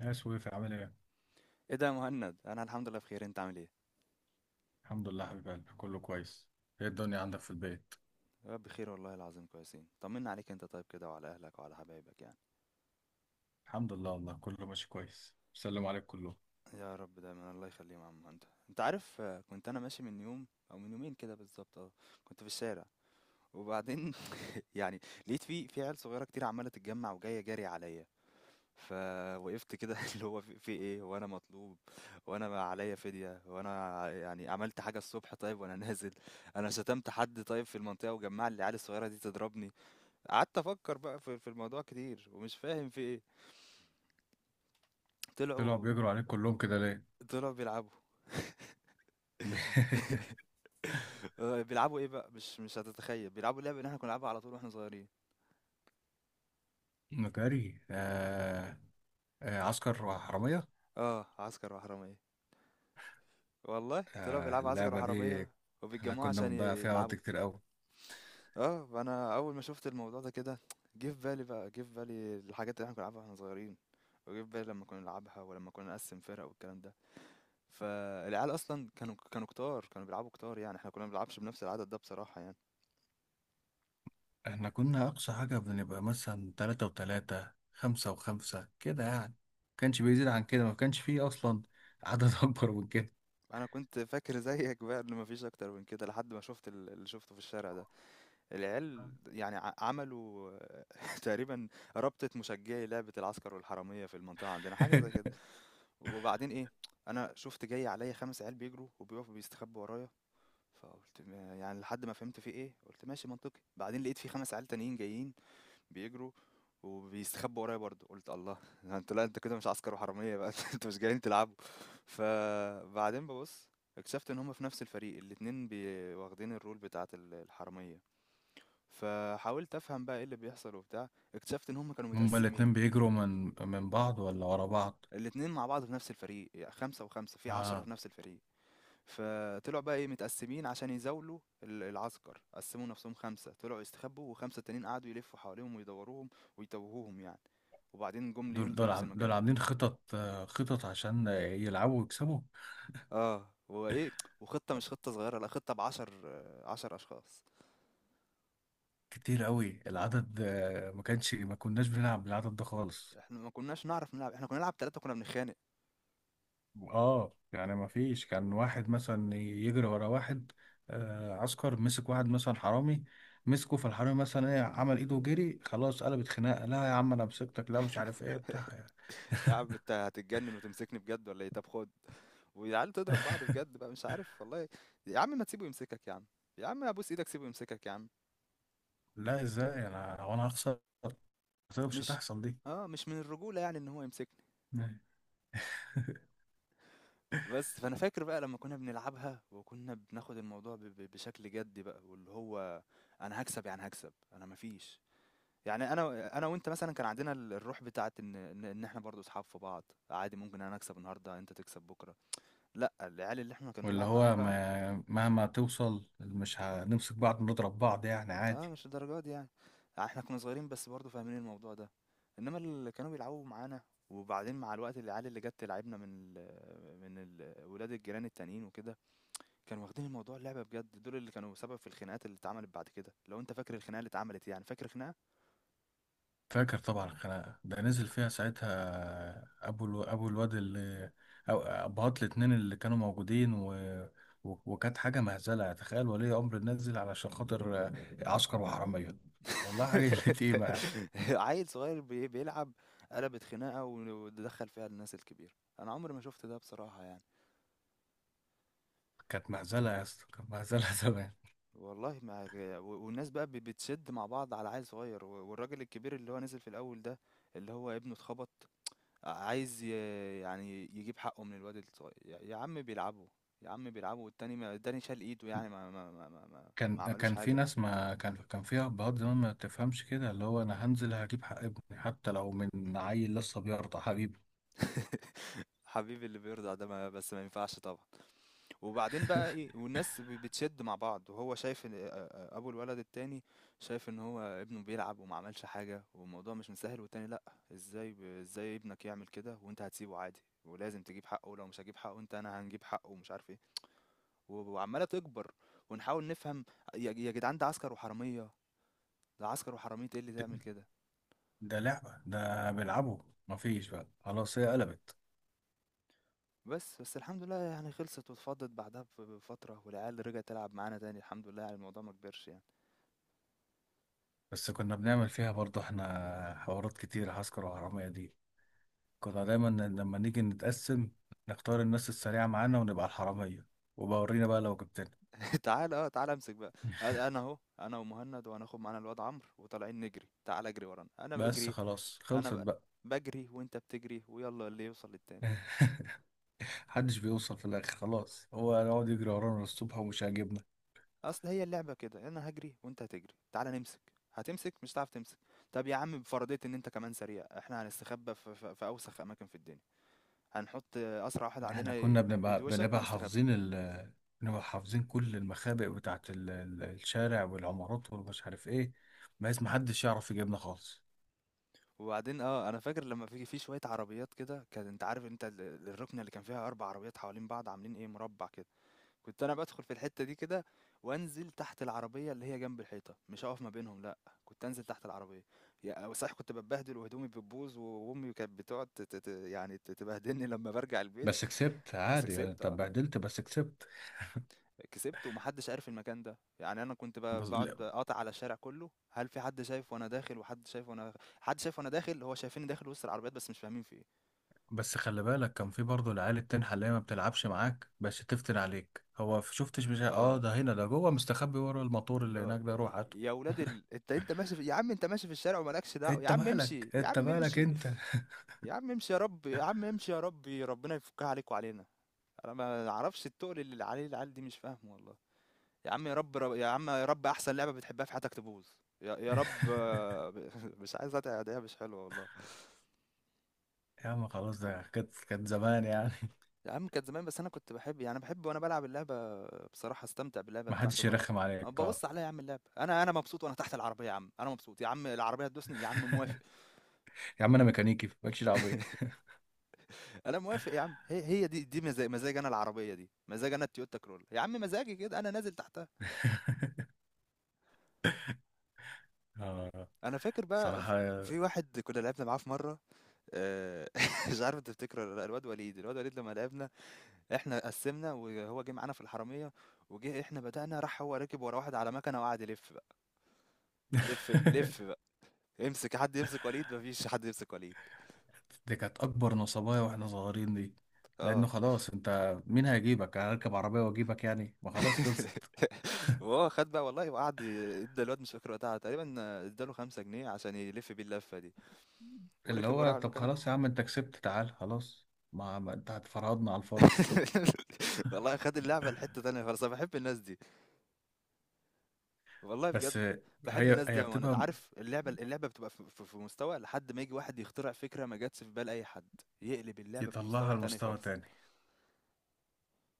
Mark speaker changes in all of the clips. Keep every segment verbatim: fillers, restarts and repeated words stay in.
Speaker 1: يا سويف عامل ايه؟
Speaker 2: ايه ده يا مهند انا الحمد لله بخير. انت عامل ايه؟
Speaker 1: الحمد لله، حبيب قلبي، كله كويس. ايه الدنيا عندك في البيت؟
Speaker 2: يا رب بخير والله العظيم كويسين، طمنا عليك انت طيب كده وعلى اهلك وعلى حبايبك يعني.
Speaker 1: الحمد لله والله، كله ماشي كويس، بيسلموا عليك كلهم.
Speaker 2: يا رب دايما الله يخليهم يا عم مهند. انت عارف آه، كنت انا ماشي من يوم او من يومين كده بالظبط، اه كنت في الشارع وبعدين يعني لقيت في في عيال صغيره كتير عماله تتجمع وجايه جري عليا، فوقفت كده اللي هو في, في ايه وانا مطلوب، وانا عليا فدية وانا يعني عملت حاجة الصبح طيب وانا نازل، انا شتمت حد طيب في المنطقة وجمع لي العيال الصغيرة دي تضربني. قعدت افكر بقى في في الموضوع كتير ومش فاهم في ايه.
Speaker 1: طلعوا
Speaker 2: طلعوا
Speaker 1: بيجروا عليك كلهم كده ليه؟
Speaker 2: طلعوا بيلعبوا. آه، بيلعبوا ايه بقى، مش مش هتتخيل، بيلعبوا اللعبه اللي احنا كنا بنلعبها على طول واحنا صغيرين.
Speaker 1: مكاري، آه، آه، عسكر وحرامية.
Speaker 2: اه عسكر وحراميه، والله طلعوا
Speaker 1: آه،
Speaker 2: بيلعبوا عسكر
Speaker 1: اللعبة دي.
Speaker 2: وحراميه
Speaker 1: احنا
Speaker 2: وبيتجمعوا
Speaker 1: كنا
Speaker 2: عشان
Speaker 1: بنضيع فيها
Speaker 2: يلعبوا.
Speaker 1: وقت كتير قوي.
Speaker 2: اه فانا اول ما شفت الموضوع ده كده جه في بالي بقى جه في بالي الحاجات اللي احنا كنا بنلعبها واحنا صغيرين، وجه في بالي لما كنا نلعبها ولما كنا نقسم فرق والكلام ده. فالعيال اصلا كانوا كانوا كتار، كانوا بيلعبوا كتار، يعني احنا كنا ما بنلعبش بنفس العدد ده بصراحه يعني.
Speaker 1: احنا كنا أقصى حاجة بنبقى مثلا تلاتة وتلاتة، خمسة وخمسة كده يعني. كانش بيزيد عن كده، ما كانش فيه أصلا عدد أكبر من كده.
Speaker 2: انا كنت فاكر زيك بقى ان مفيش اكتر من كده لحد ما شفت ال- اللي شفته في الشارع ده. العيال يعني ع- عملوا تقريبا رابطة مشجعي لعبة العسكر والحرامية في المنطقة عندنا، حاجة زي كده. وبعدين ايه، انا شفت جاي عليا خمس عيال بيجروا وبيقفوا بيستخبوا ورايا، فقلت ما- يعني لحد ما فهمت في ايه قلت ماشي منطقي، بعدين لقيت في خمس عيال تانيين جايين بيجروا وبيستخبوا ورايا برضه، قلت الله انت لا انت كده مش عسكر وحراميه بقى، انتوا مش جايين تلعبوا. فبعدين ببص اكتشفت ان هما في نفس الفريق الاتنين بي- واخدين الرول بتاعه ال- الحراميه. فحاولت افهم بقى ايه اللي بيحصل وبتاع، اكتشفت ان هما كانوا
Speaker 1: هما
Speaker 2: متقسمين
Speaker 1: الاتنين بيجروا من من بعض ولا ورا بعض؟
Speaker 2: الاتنين مع بعض في نفس الفريق، يعني خمسة وخمسة في عشرة
Speaker 1: اه
Speaker 2: في نفس الفريق. فطلعوا بقى ايه متقسمين عشان يزاولوا ال- العسكر، قسموا نفسهم خمسة طلعوا يستخبوا وخمسة تانيين قعدوا يلفوا حواليهم ويدوروهم ويتوهوهم يعني، وبعدين جم
Speaker 1: دول
Speaker 2: ليهم في
Speaker 1: دول
Speaker 2: نفس
Speaker 1: عم- دول
Speaker 2: المكان.
Speaker 1: عاملين خطط آه، خطط عشان، آه، يلعبوا ويكسبوا.
Speaker 2: اه وايه، وخطة مش خطة صغيرة، لا خطة بعشر، آه، عشر اشخاص.
Speaker 1: كتير قوي العدد، آه، ما كانش ما كناش بنلعب بالعدد ده خالص.
Speaker 2: احنا ما كناش نعرف نلعب، احنا كنا نلعب ثلاثة كنا بنتخانق.
Speaker 1: اه يعني ما فيش كان واحد مثلا يجري ورا واحد. آه عسكر مسك واحد مثلا حرامي، مسكه، فالحرامي مثلا ايه؟ عمل ايده وجري، خلاص قلبت خناقه. لا يا عم، انا مسكتك، لا مش عارف ايه بتاع.
Speaker 2: يا عم انت هتتجنن وتمسكني بجد ولا ايه؟ طب خد. والعيال تضرب بعض بجد بقى، مش عارف والله. يا عم ما تسيبه يمسكك يا عم، يا عم ابوس ايدك سيبه يمسكك يا عم.
Speaker 1: لا، ازاي؟ انا وانا هخسر؟ مش
Speaker 2: مش
Speaker 1: هتحصل دي.
Speaker 2: اه، مش من الرجولة يعني ان هو يمسكني. بس فانا فاكر بقى لما كنا بنلعبها وكنا بناخد الموضوع ب- ب- بشكل جدي بقى، واللي هو انا هكسب، يعني هكسب انا مفيش، يعني انا، انا وانت مثلا كان عندنا ال- الروح بتاعت ان ان إن احنا برضو اصحاب في بعض، عادي ممكن انا اكسب النهارده انت تكسب بكره. لا العيال اللي احنا كنا
Speaker 1: واللي
Speaker 2: بنلعب معاهم
Speaker 1: هو
Speaker 2: بقى
Speaker 1: ما مهما توصل مش هنمسك بعض، نضرب بعض يعني
Speaker 2: اه
Speaker 1: عادي.
Speaker 2: مش الدرجات دي يعني. آه، احنا كنا صغيرين بس برضو فاهمين الموضوع ده، انما اللي كانوا بيلعبوا معانا وبعدين مع الوقت العيال اللي جت تلعبنا من ال من ال ولاد الجيران التانيين وكده كانوا واخدين الموضوع لعبة بجد، دول اللي كانوا سبب في الخناقات اللي اتعملت بعد كده. لو انت فاكر الخناقة اللي اتعملت يعني، فاكر خناقة
Speaker 1: فاكر طبعا، الخناقة ده نزل فيها ساعتها أبو الو... أبو الواد اللي، أو أبهات الاتنين اللي كانوا موجودين و... و... وكانت حاجة مهزلة، تخيل ولي أمر نزل علشان خاطر عسكر وحرامية. والله حاجة اللي تقيمة يعني.
Speaker 2: عيل صغير بي- بيلعب قلبت خناقة ودخل فيها الناس الكبيرة، انا عمري ما شفت ده بصراحة يعني.
Speaker 1: كانت مهزلة يا اسطى، كانت مهزلة زمان.
Speaker 2: والله ما و- والناس بقى بي- بتشد مع بعض على عيل صغير، و- والراجل الكبير اللي هو نزل في الاول ده اللي هو ابنه اتخبط عايز ي- يعني يجيب حقه من الواد الصغير. يا يا عم بيلعبوا، يا عم بيلعبوا، والتاني ما التاني شال ايده يعني ما ما ما ما, ما
Speaker 1: كان
Speaker 2: ما عملوش
Speaker 1: كان في
Speaker 2: حاجة.
Speaker 1: ناس ما كان كان فيها أبهات زمان ما تفهمش كده، اللي هو أنا هنزل هجيب حق ابني حتى لو من عيل لسه بيرضع، حبيبي.
Speaker 2: حبيبي اللي بيرضع ده، ما بس ما ينفعش طبعا. وبعدين بقى ايه والناس ب- بتشد مع بعض وهو شايف إن- آه، آه، ابو الولد التاني شايف ان هو ابنه بيلعب وما عملش حاجة والموضوع مش مسهل، والتاني لا ازاي ب- ازاي ابنك يعمل كده وانت هتسيبه عادي، ولازم تجيب حقه ولو مش هجيب حقه انت انا هنجيب حقه ومش عارف ايه. و- وعمالة تكبر، ونحاول نفهم يا يا جدعان ده عسكر وحرامية، ده عسكر وحرامية ايه اللي تعمل كده.
Speaker 1: ده لعبة، ده بيلعبوا. مفيش بقى، خلاص، هي قلبت.
Speaker 2: بس، بس الحمد لله يعني خلصت واتفضت بعدها بف بفترة، والعيال رجعت تلعب معانا تاني، الحمد لله يعني الموضوع ما كبرش يعني.
Speaker 1: بس كنا بنعمل فيها برضه احنا حوارات كتير، عسكر وحرامية دي. كنا دايما لما نيجي نتقسم، نختار الناس السريعة معانا ونبقى الحرامية، وبورينا بقى لو جبتنا.
Speaker 2: تعالَ، آه، تعالَ امسك بقى. أ أنا أهو، أنا ومُهند وهناخد معانا الواد عمرو وطالعين نجري، تعالَ اجري ورانا، أنا
Speaker 1: بس
Speaker 2: باجري،
Speaker 1: خلاص،
Speaker 2: أنا
Speaker 1: خلصت
Speaker 2: ب
Speaker 1: بقى.
Speaker 2: باجري وأنت بتجري ويالّا اللي يوصل للتاني.
Speaker 1: محدش بيوصل في الآخر، خلاص هو يقعد يجري ورانا للصبح، ومش عاجبنا.
Speaker 2: أصل هي اللعبة كده، أنا هاجري وأنت هتجري، تعالَ نمسك، هتمسك مش هتعرف تمسك. طب يا عم بفرضية إن أنت كمان سريع، إحنا هنستخبى في في في أوسخ أماكن في الدنيا، هنحط أسرع واحد
Speaker 1: احنا
Speaker 2: عندنا
Speaker 1: كنا
Speaker 2: ي
Speaker 1: بنبقى
Speaker 2: يدوشك
Speaker 1: بنبقى
Speaker 2: ونستخبى.
Speaker 1: حافظين ال بنبقى حافظين كل المخابئ بتاعت ال- ال- الشارع والعمارات ومش عارف ايه، بحيث محدش يعرف يجيبنا خالص.
Speaker 2: وبعدين اه انا فاكر لما في في شويه عربيات كده، كان انت عارف انت ال- ال- الركنه اللي كان فيها اربع عربيات حوالين بعض عاملين ايه مربع كده، كنت انا بدخل في الحته دي كده وانزل تحت العربيه اللي هي جنب الحيطه، مش هقف ما بينهم لا، كنت انزل تحت العربيه. يا صحيح كنت بتبهدل وهدومي بتبوظ، و- وامي كانت بتقعد ت- ت- ت- يعني ت- تبهدلني لما برجع البيت.
Speaker 1: بس كسبت
Speaker 2: بس
Speaker 1: عادي يعني،
Speaker 2: كسبت
Speaker 1: انت
Speaker 2: اه،
Speaker 1: اتبهدلت بس كسبت.
Speaker 2: كسبت ومحدش عارف المكان ده. يعني انا كنت ب-
Speaker 1: بس، لا،
Speaker 2: بقعد قاطع على الشارع كله، هل في حد شايف وانا داخل، وحد شايف وانا، حد شايف وانا داخل، هو شايفيني داخل وسط العربيات بس مش فاهمين في ايه.
Speaker 1: بس خلي بالك، كان في برضه العيال التنحة، اللي هي ما بتلعبش معاك بس تفتن عليك. هو ف- شفتش مش ع- اه
Speaker 2: آه،
Speaker 1: ده، هنا ده جوه مستخبي ورا الموتور اللي
Speaker 2: اللي هو
Speaker 1: هناك ده، روح هاته.
Speaker 2: يا ولاد ال، أنت أنت ماشي في، يا عم أنت ماشي في الشارع ومالكش دعوة، يا
Speaker 1: انت
Speaker 2: عم
Speaker 1: مالك،
Speaker 2: امشي، يا
Speaker 1: انت
Speaker 2: عم
Speaker 1: مالك،
Speaker 2: امشي،
Speaker 1: انت.
Speaker 2: يا عم امشي يا رب، يا عم امشي يا ربي، ربنا يفكها عليك وعلينا. أنا ما أعرفش التقل اللي عليه العيال دي مش فاهمه والله. يا عم يا رب رب يا عم يا رب أحسن لعبة بتحبها في حياتك تبوظ، يا يا رب، آه، مش عايز أتعب، ده مش حلوة والله.
Speaker 1: يا عم خلاص، ده كانت كانت زمان يعني.
Speaker 2: يا عم كانت زمان بس انا كنت بحب، يعني بحب وانا بلعب اللعبه بصراحه، استمتع باللعبه
Speaker 1: ما
Speaker 2: بتاعته
Speaker 1: حدش
Speaker 2: مع حد.
Speaker 1: يرخم
Speaker 2: أنا
Speaker 1: عليك، اه.
Speaker 2: ببص عليها يا عم اللعبه، انا انا مبسوط وانا تحت العربيه، يا عم انا مبسوط، يا عم العربيه تدوسني يا عم موافق.
Speaker 1: يا عم انا ميكانيكي، مالكش دعوه بيا.
Speaker 2: انا موافق يا عم، هي هي دي دي مزاج مزاج، انا العربيه دي مزاج، انا التويوتا كرول يا عم مزاجي كده، انا نازل تحتها.
Speaker 1: آه.
Speaker 2: انا فاكر بقى ف-
Speaker 1: صراحه
Speaker 2: في واحد كنا لعبنا معاه في مره، آه، مش عارف انت تفتكره ولا لأ، الواد وليد، الواد وليد لما لعبنا احنا قسمنا وهو جه معانا في الحراميه، وجه احنا بدأنا راح هو ركب ورا واحد على مكنه وقعد يلف. لف ب- لف بقى، امسك حد يمسك وليد، مفيش حد يمسك وليد.
Speaker 1: دي كانت اكبر نصبايا واحنا صغيرين دي،
Speaker 2: اه
Speaker 1: لانه خلاص، انت مين هيجيبك؟ انا اركب عربيه واجيبك يعني، ما خلاص خلصت.
Speaker 2: وهو خد بقى والله وقعد ي- ادى الواد، مش فاكر وقتها تقريبا، اداله خمسة جنيه عشان يلف بيه اللفة دي
Speaker 1: اللي
Speaker 2: وركب وراه
Speaker 1: هو
Speaker 2: على
Speaker 1: طب
Speaker 2: المكنة.
Speaker 1: خلاص يا عم، انت كسبت تعال خلاص، ما, ما انت هتفرضنا على الفاضي.
Speaker 2: والله خد اللعبة لحتة تانية خالص، انا بحب الناس دي والله
Speaker 1: بس،
Speaker 2: بجد، بحب
Speaker 1: هي
Speaker 2: الناس دي،
Speaker 1: هي
Speaker 2: وانا
Speaker 1: بتبقى،
Speaker 2: عارف اللعبة، اللعبة بتبقى في في- في مستوى لحد ما يجي واحد يخترع فكرة ما جاتش في بال اي حد يقلب اللعبة في
Speaker 1: يطلعها
Speaker 2: مستوى تاني
Speaker 1: لمستوى
Speaker 2: خالص.
Speaker 1: تاني.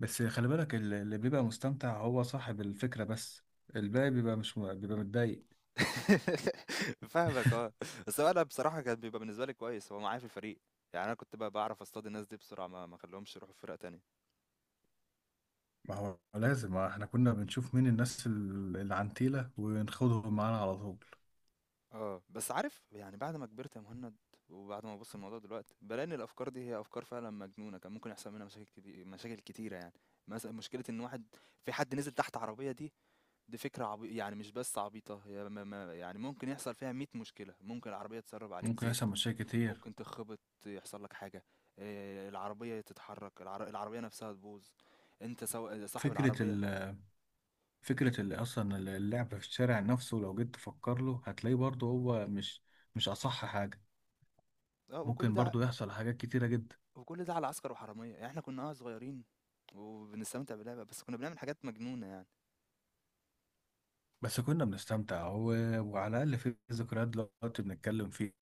Speaker 1: بس خلي بالك، اللي اللي بيبقى مستمتع هو صاحب الفكره بس، الباقي بيبقى مش م- بيبقى متضايق.
Speaker 2: فاهمك اه. بس هو انا بصراحه كان بيبقى بالنسبه لي كويس هو معايا في الفريق، يعني انا كنت بقى بعرف اصطاد الناس دي بسرعه، ما ما اخليهمش يروحوا فرق تانية.
Speaker 1: ما هو لازم احنا كنا بنشوف مين الناس ال- العنتيلة ونخوضهم معانا على طول.
Speaker 2: اه بس عارف يعني بعد ما كبرت يا مهند، وبعد ما ببص الموضوع دلوقتي بلاقي ان الافكار دي هي افكار فعلا مجنونه، كان ممكن يحصل منها مشاكل كتير، مشاكل كتيره يعني. مثلا مشكله ان واحد، في حد نزل تحت عربيه دي، دي فكره عبي، يعني مش بس عبيطه، هي ما، ما، يعني ممكن يحصل فيها مية مشكله. ممكن العربيه تسرب عليك
Speaker 1: ممكن يحصل
Speaker 2: زيت،
Speaker 1: مشاكل كتير.
Speaker 2: ممكن تخبط، يحصل لك حاجة، آه، العربية تتحرك، العر... العربية نفسها تبوظ، انت سو... صاحب
Speaker 1: فكرة
Speaker 2: العربية.
Speaker 1: ال فكرة ال أصلا ال- اللعب في الشارع نفسه، لو جيت تفكر له هتلاقيه برضه هو مش مش أصح حاجة.
Speaker 2: اه وكل
Speaker 1: ممكن
Speaker 2: ده،
Speaker 1: برضه يحصل حاجات كتيرة جدا.
Speaker 2: وكل ده على عسكر وحرامية يعني. احنا كنا اه صغيرين وبنستمتع باللعبة بس كنا بنعمل حاجات مجنونة يعني.
Speaker 1: بس كنا بنستمتع و... وعلى الأقل في ذكريات دلوقتي بنتكلم فيها.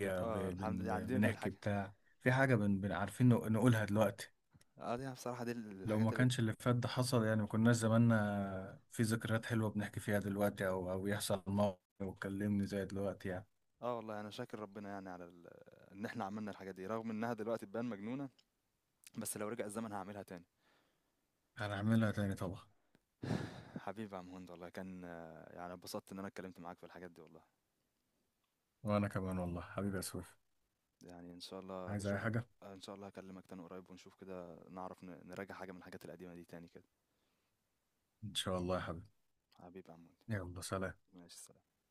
Speaker 1: ب...
Speaker 2: اه الحمد لله يعني
Speaker 1: بن...
Speaker 2: دي من
Speaker 1: بنحكي
Speaker 2: الحاجة،
Speaker 1: بتاع، في حاجة بن... بن عارفين نق- نقولها دلوقتي.
Speaker 2: اه دي بصراحة دي
Speaker 1: لو
Speaker 2: الحاجات
Speaker 1: ما
Speaker 2: اللي،
Speaker 1: كانش اللي فات ده حصل يعني، ما كناش زماننا في ذكريات حلوة بنحكي فيها دلوقتي، أو أو يحصل موقف وتكلمني زي دلوقتي يعني.
Speaker 2: اه والله انا شاكر ربنا يعني على ال، ان احنا عملنا الحاجات دي رغم انها دلوقتي تبان مجنونة، بس لو رجع الزمن هعملها تاني.
Speaker 1: هنعملها تاني طبعا.
Speaker 2: حبيبي يا عم هند والله كان، آه، يعني اتبسطت ان انا اتكلمت معاك في الحاجات دي والله.
Speaker 1: وأنا كمان والله حبيبي يا سويف.
Speaker 2: يعني ان شاء الله
Speaker 1: عايز أي
Speaker 2: اشوف،
Speaker 1: حاجة؟
Speaker 2: ان شاء الله هكلمك تاني قريب ونشوف كده نعرف ن- نراجع حاجة من الحاجات القديمة دي تاني كده.
Speaker 1: إن شاء الله يا حبيبي.
Speaker 2: حبيبي يا عمود.
Speaker 1: يلا سلام.
Speaker 2: ماشي سلام.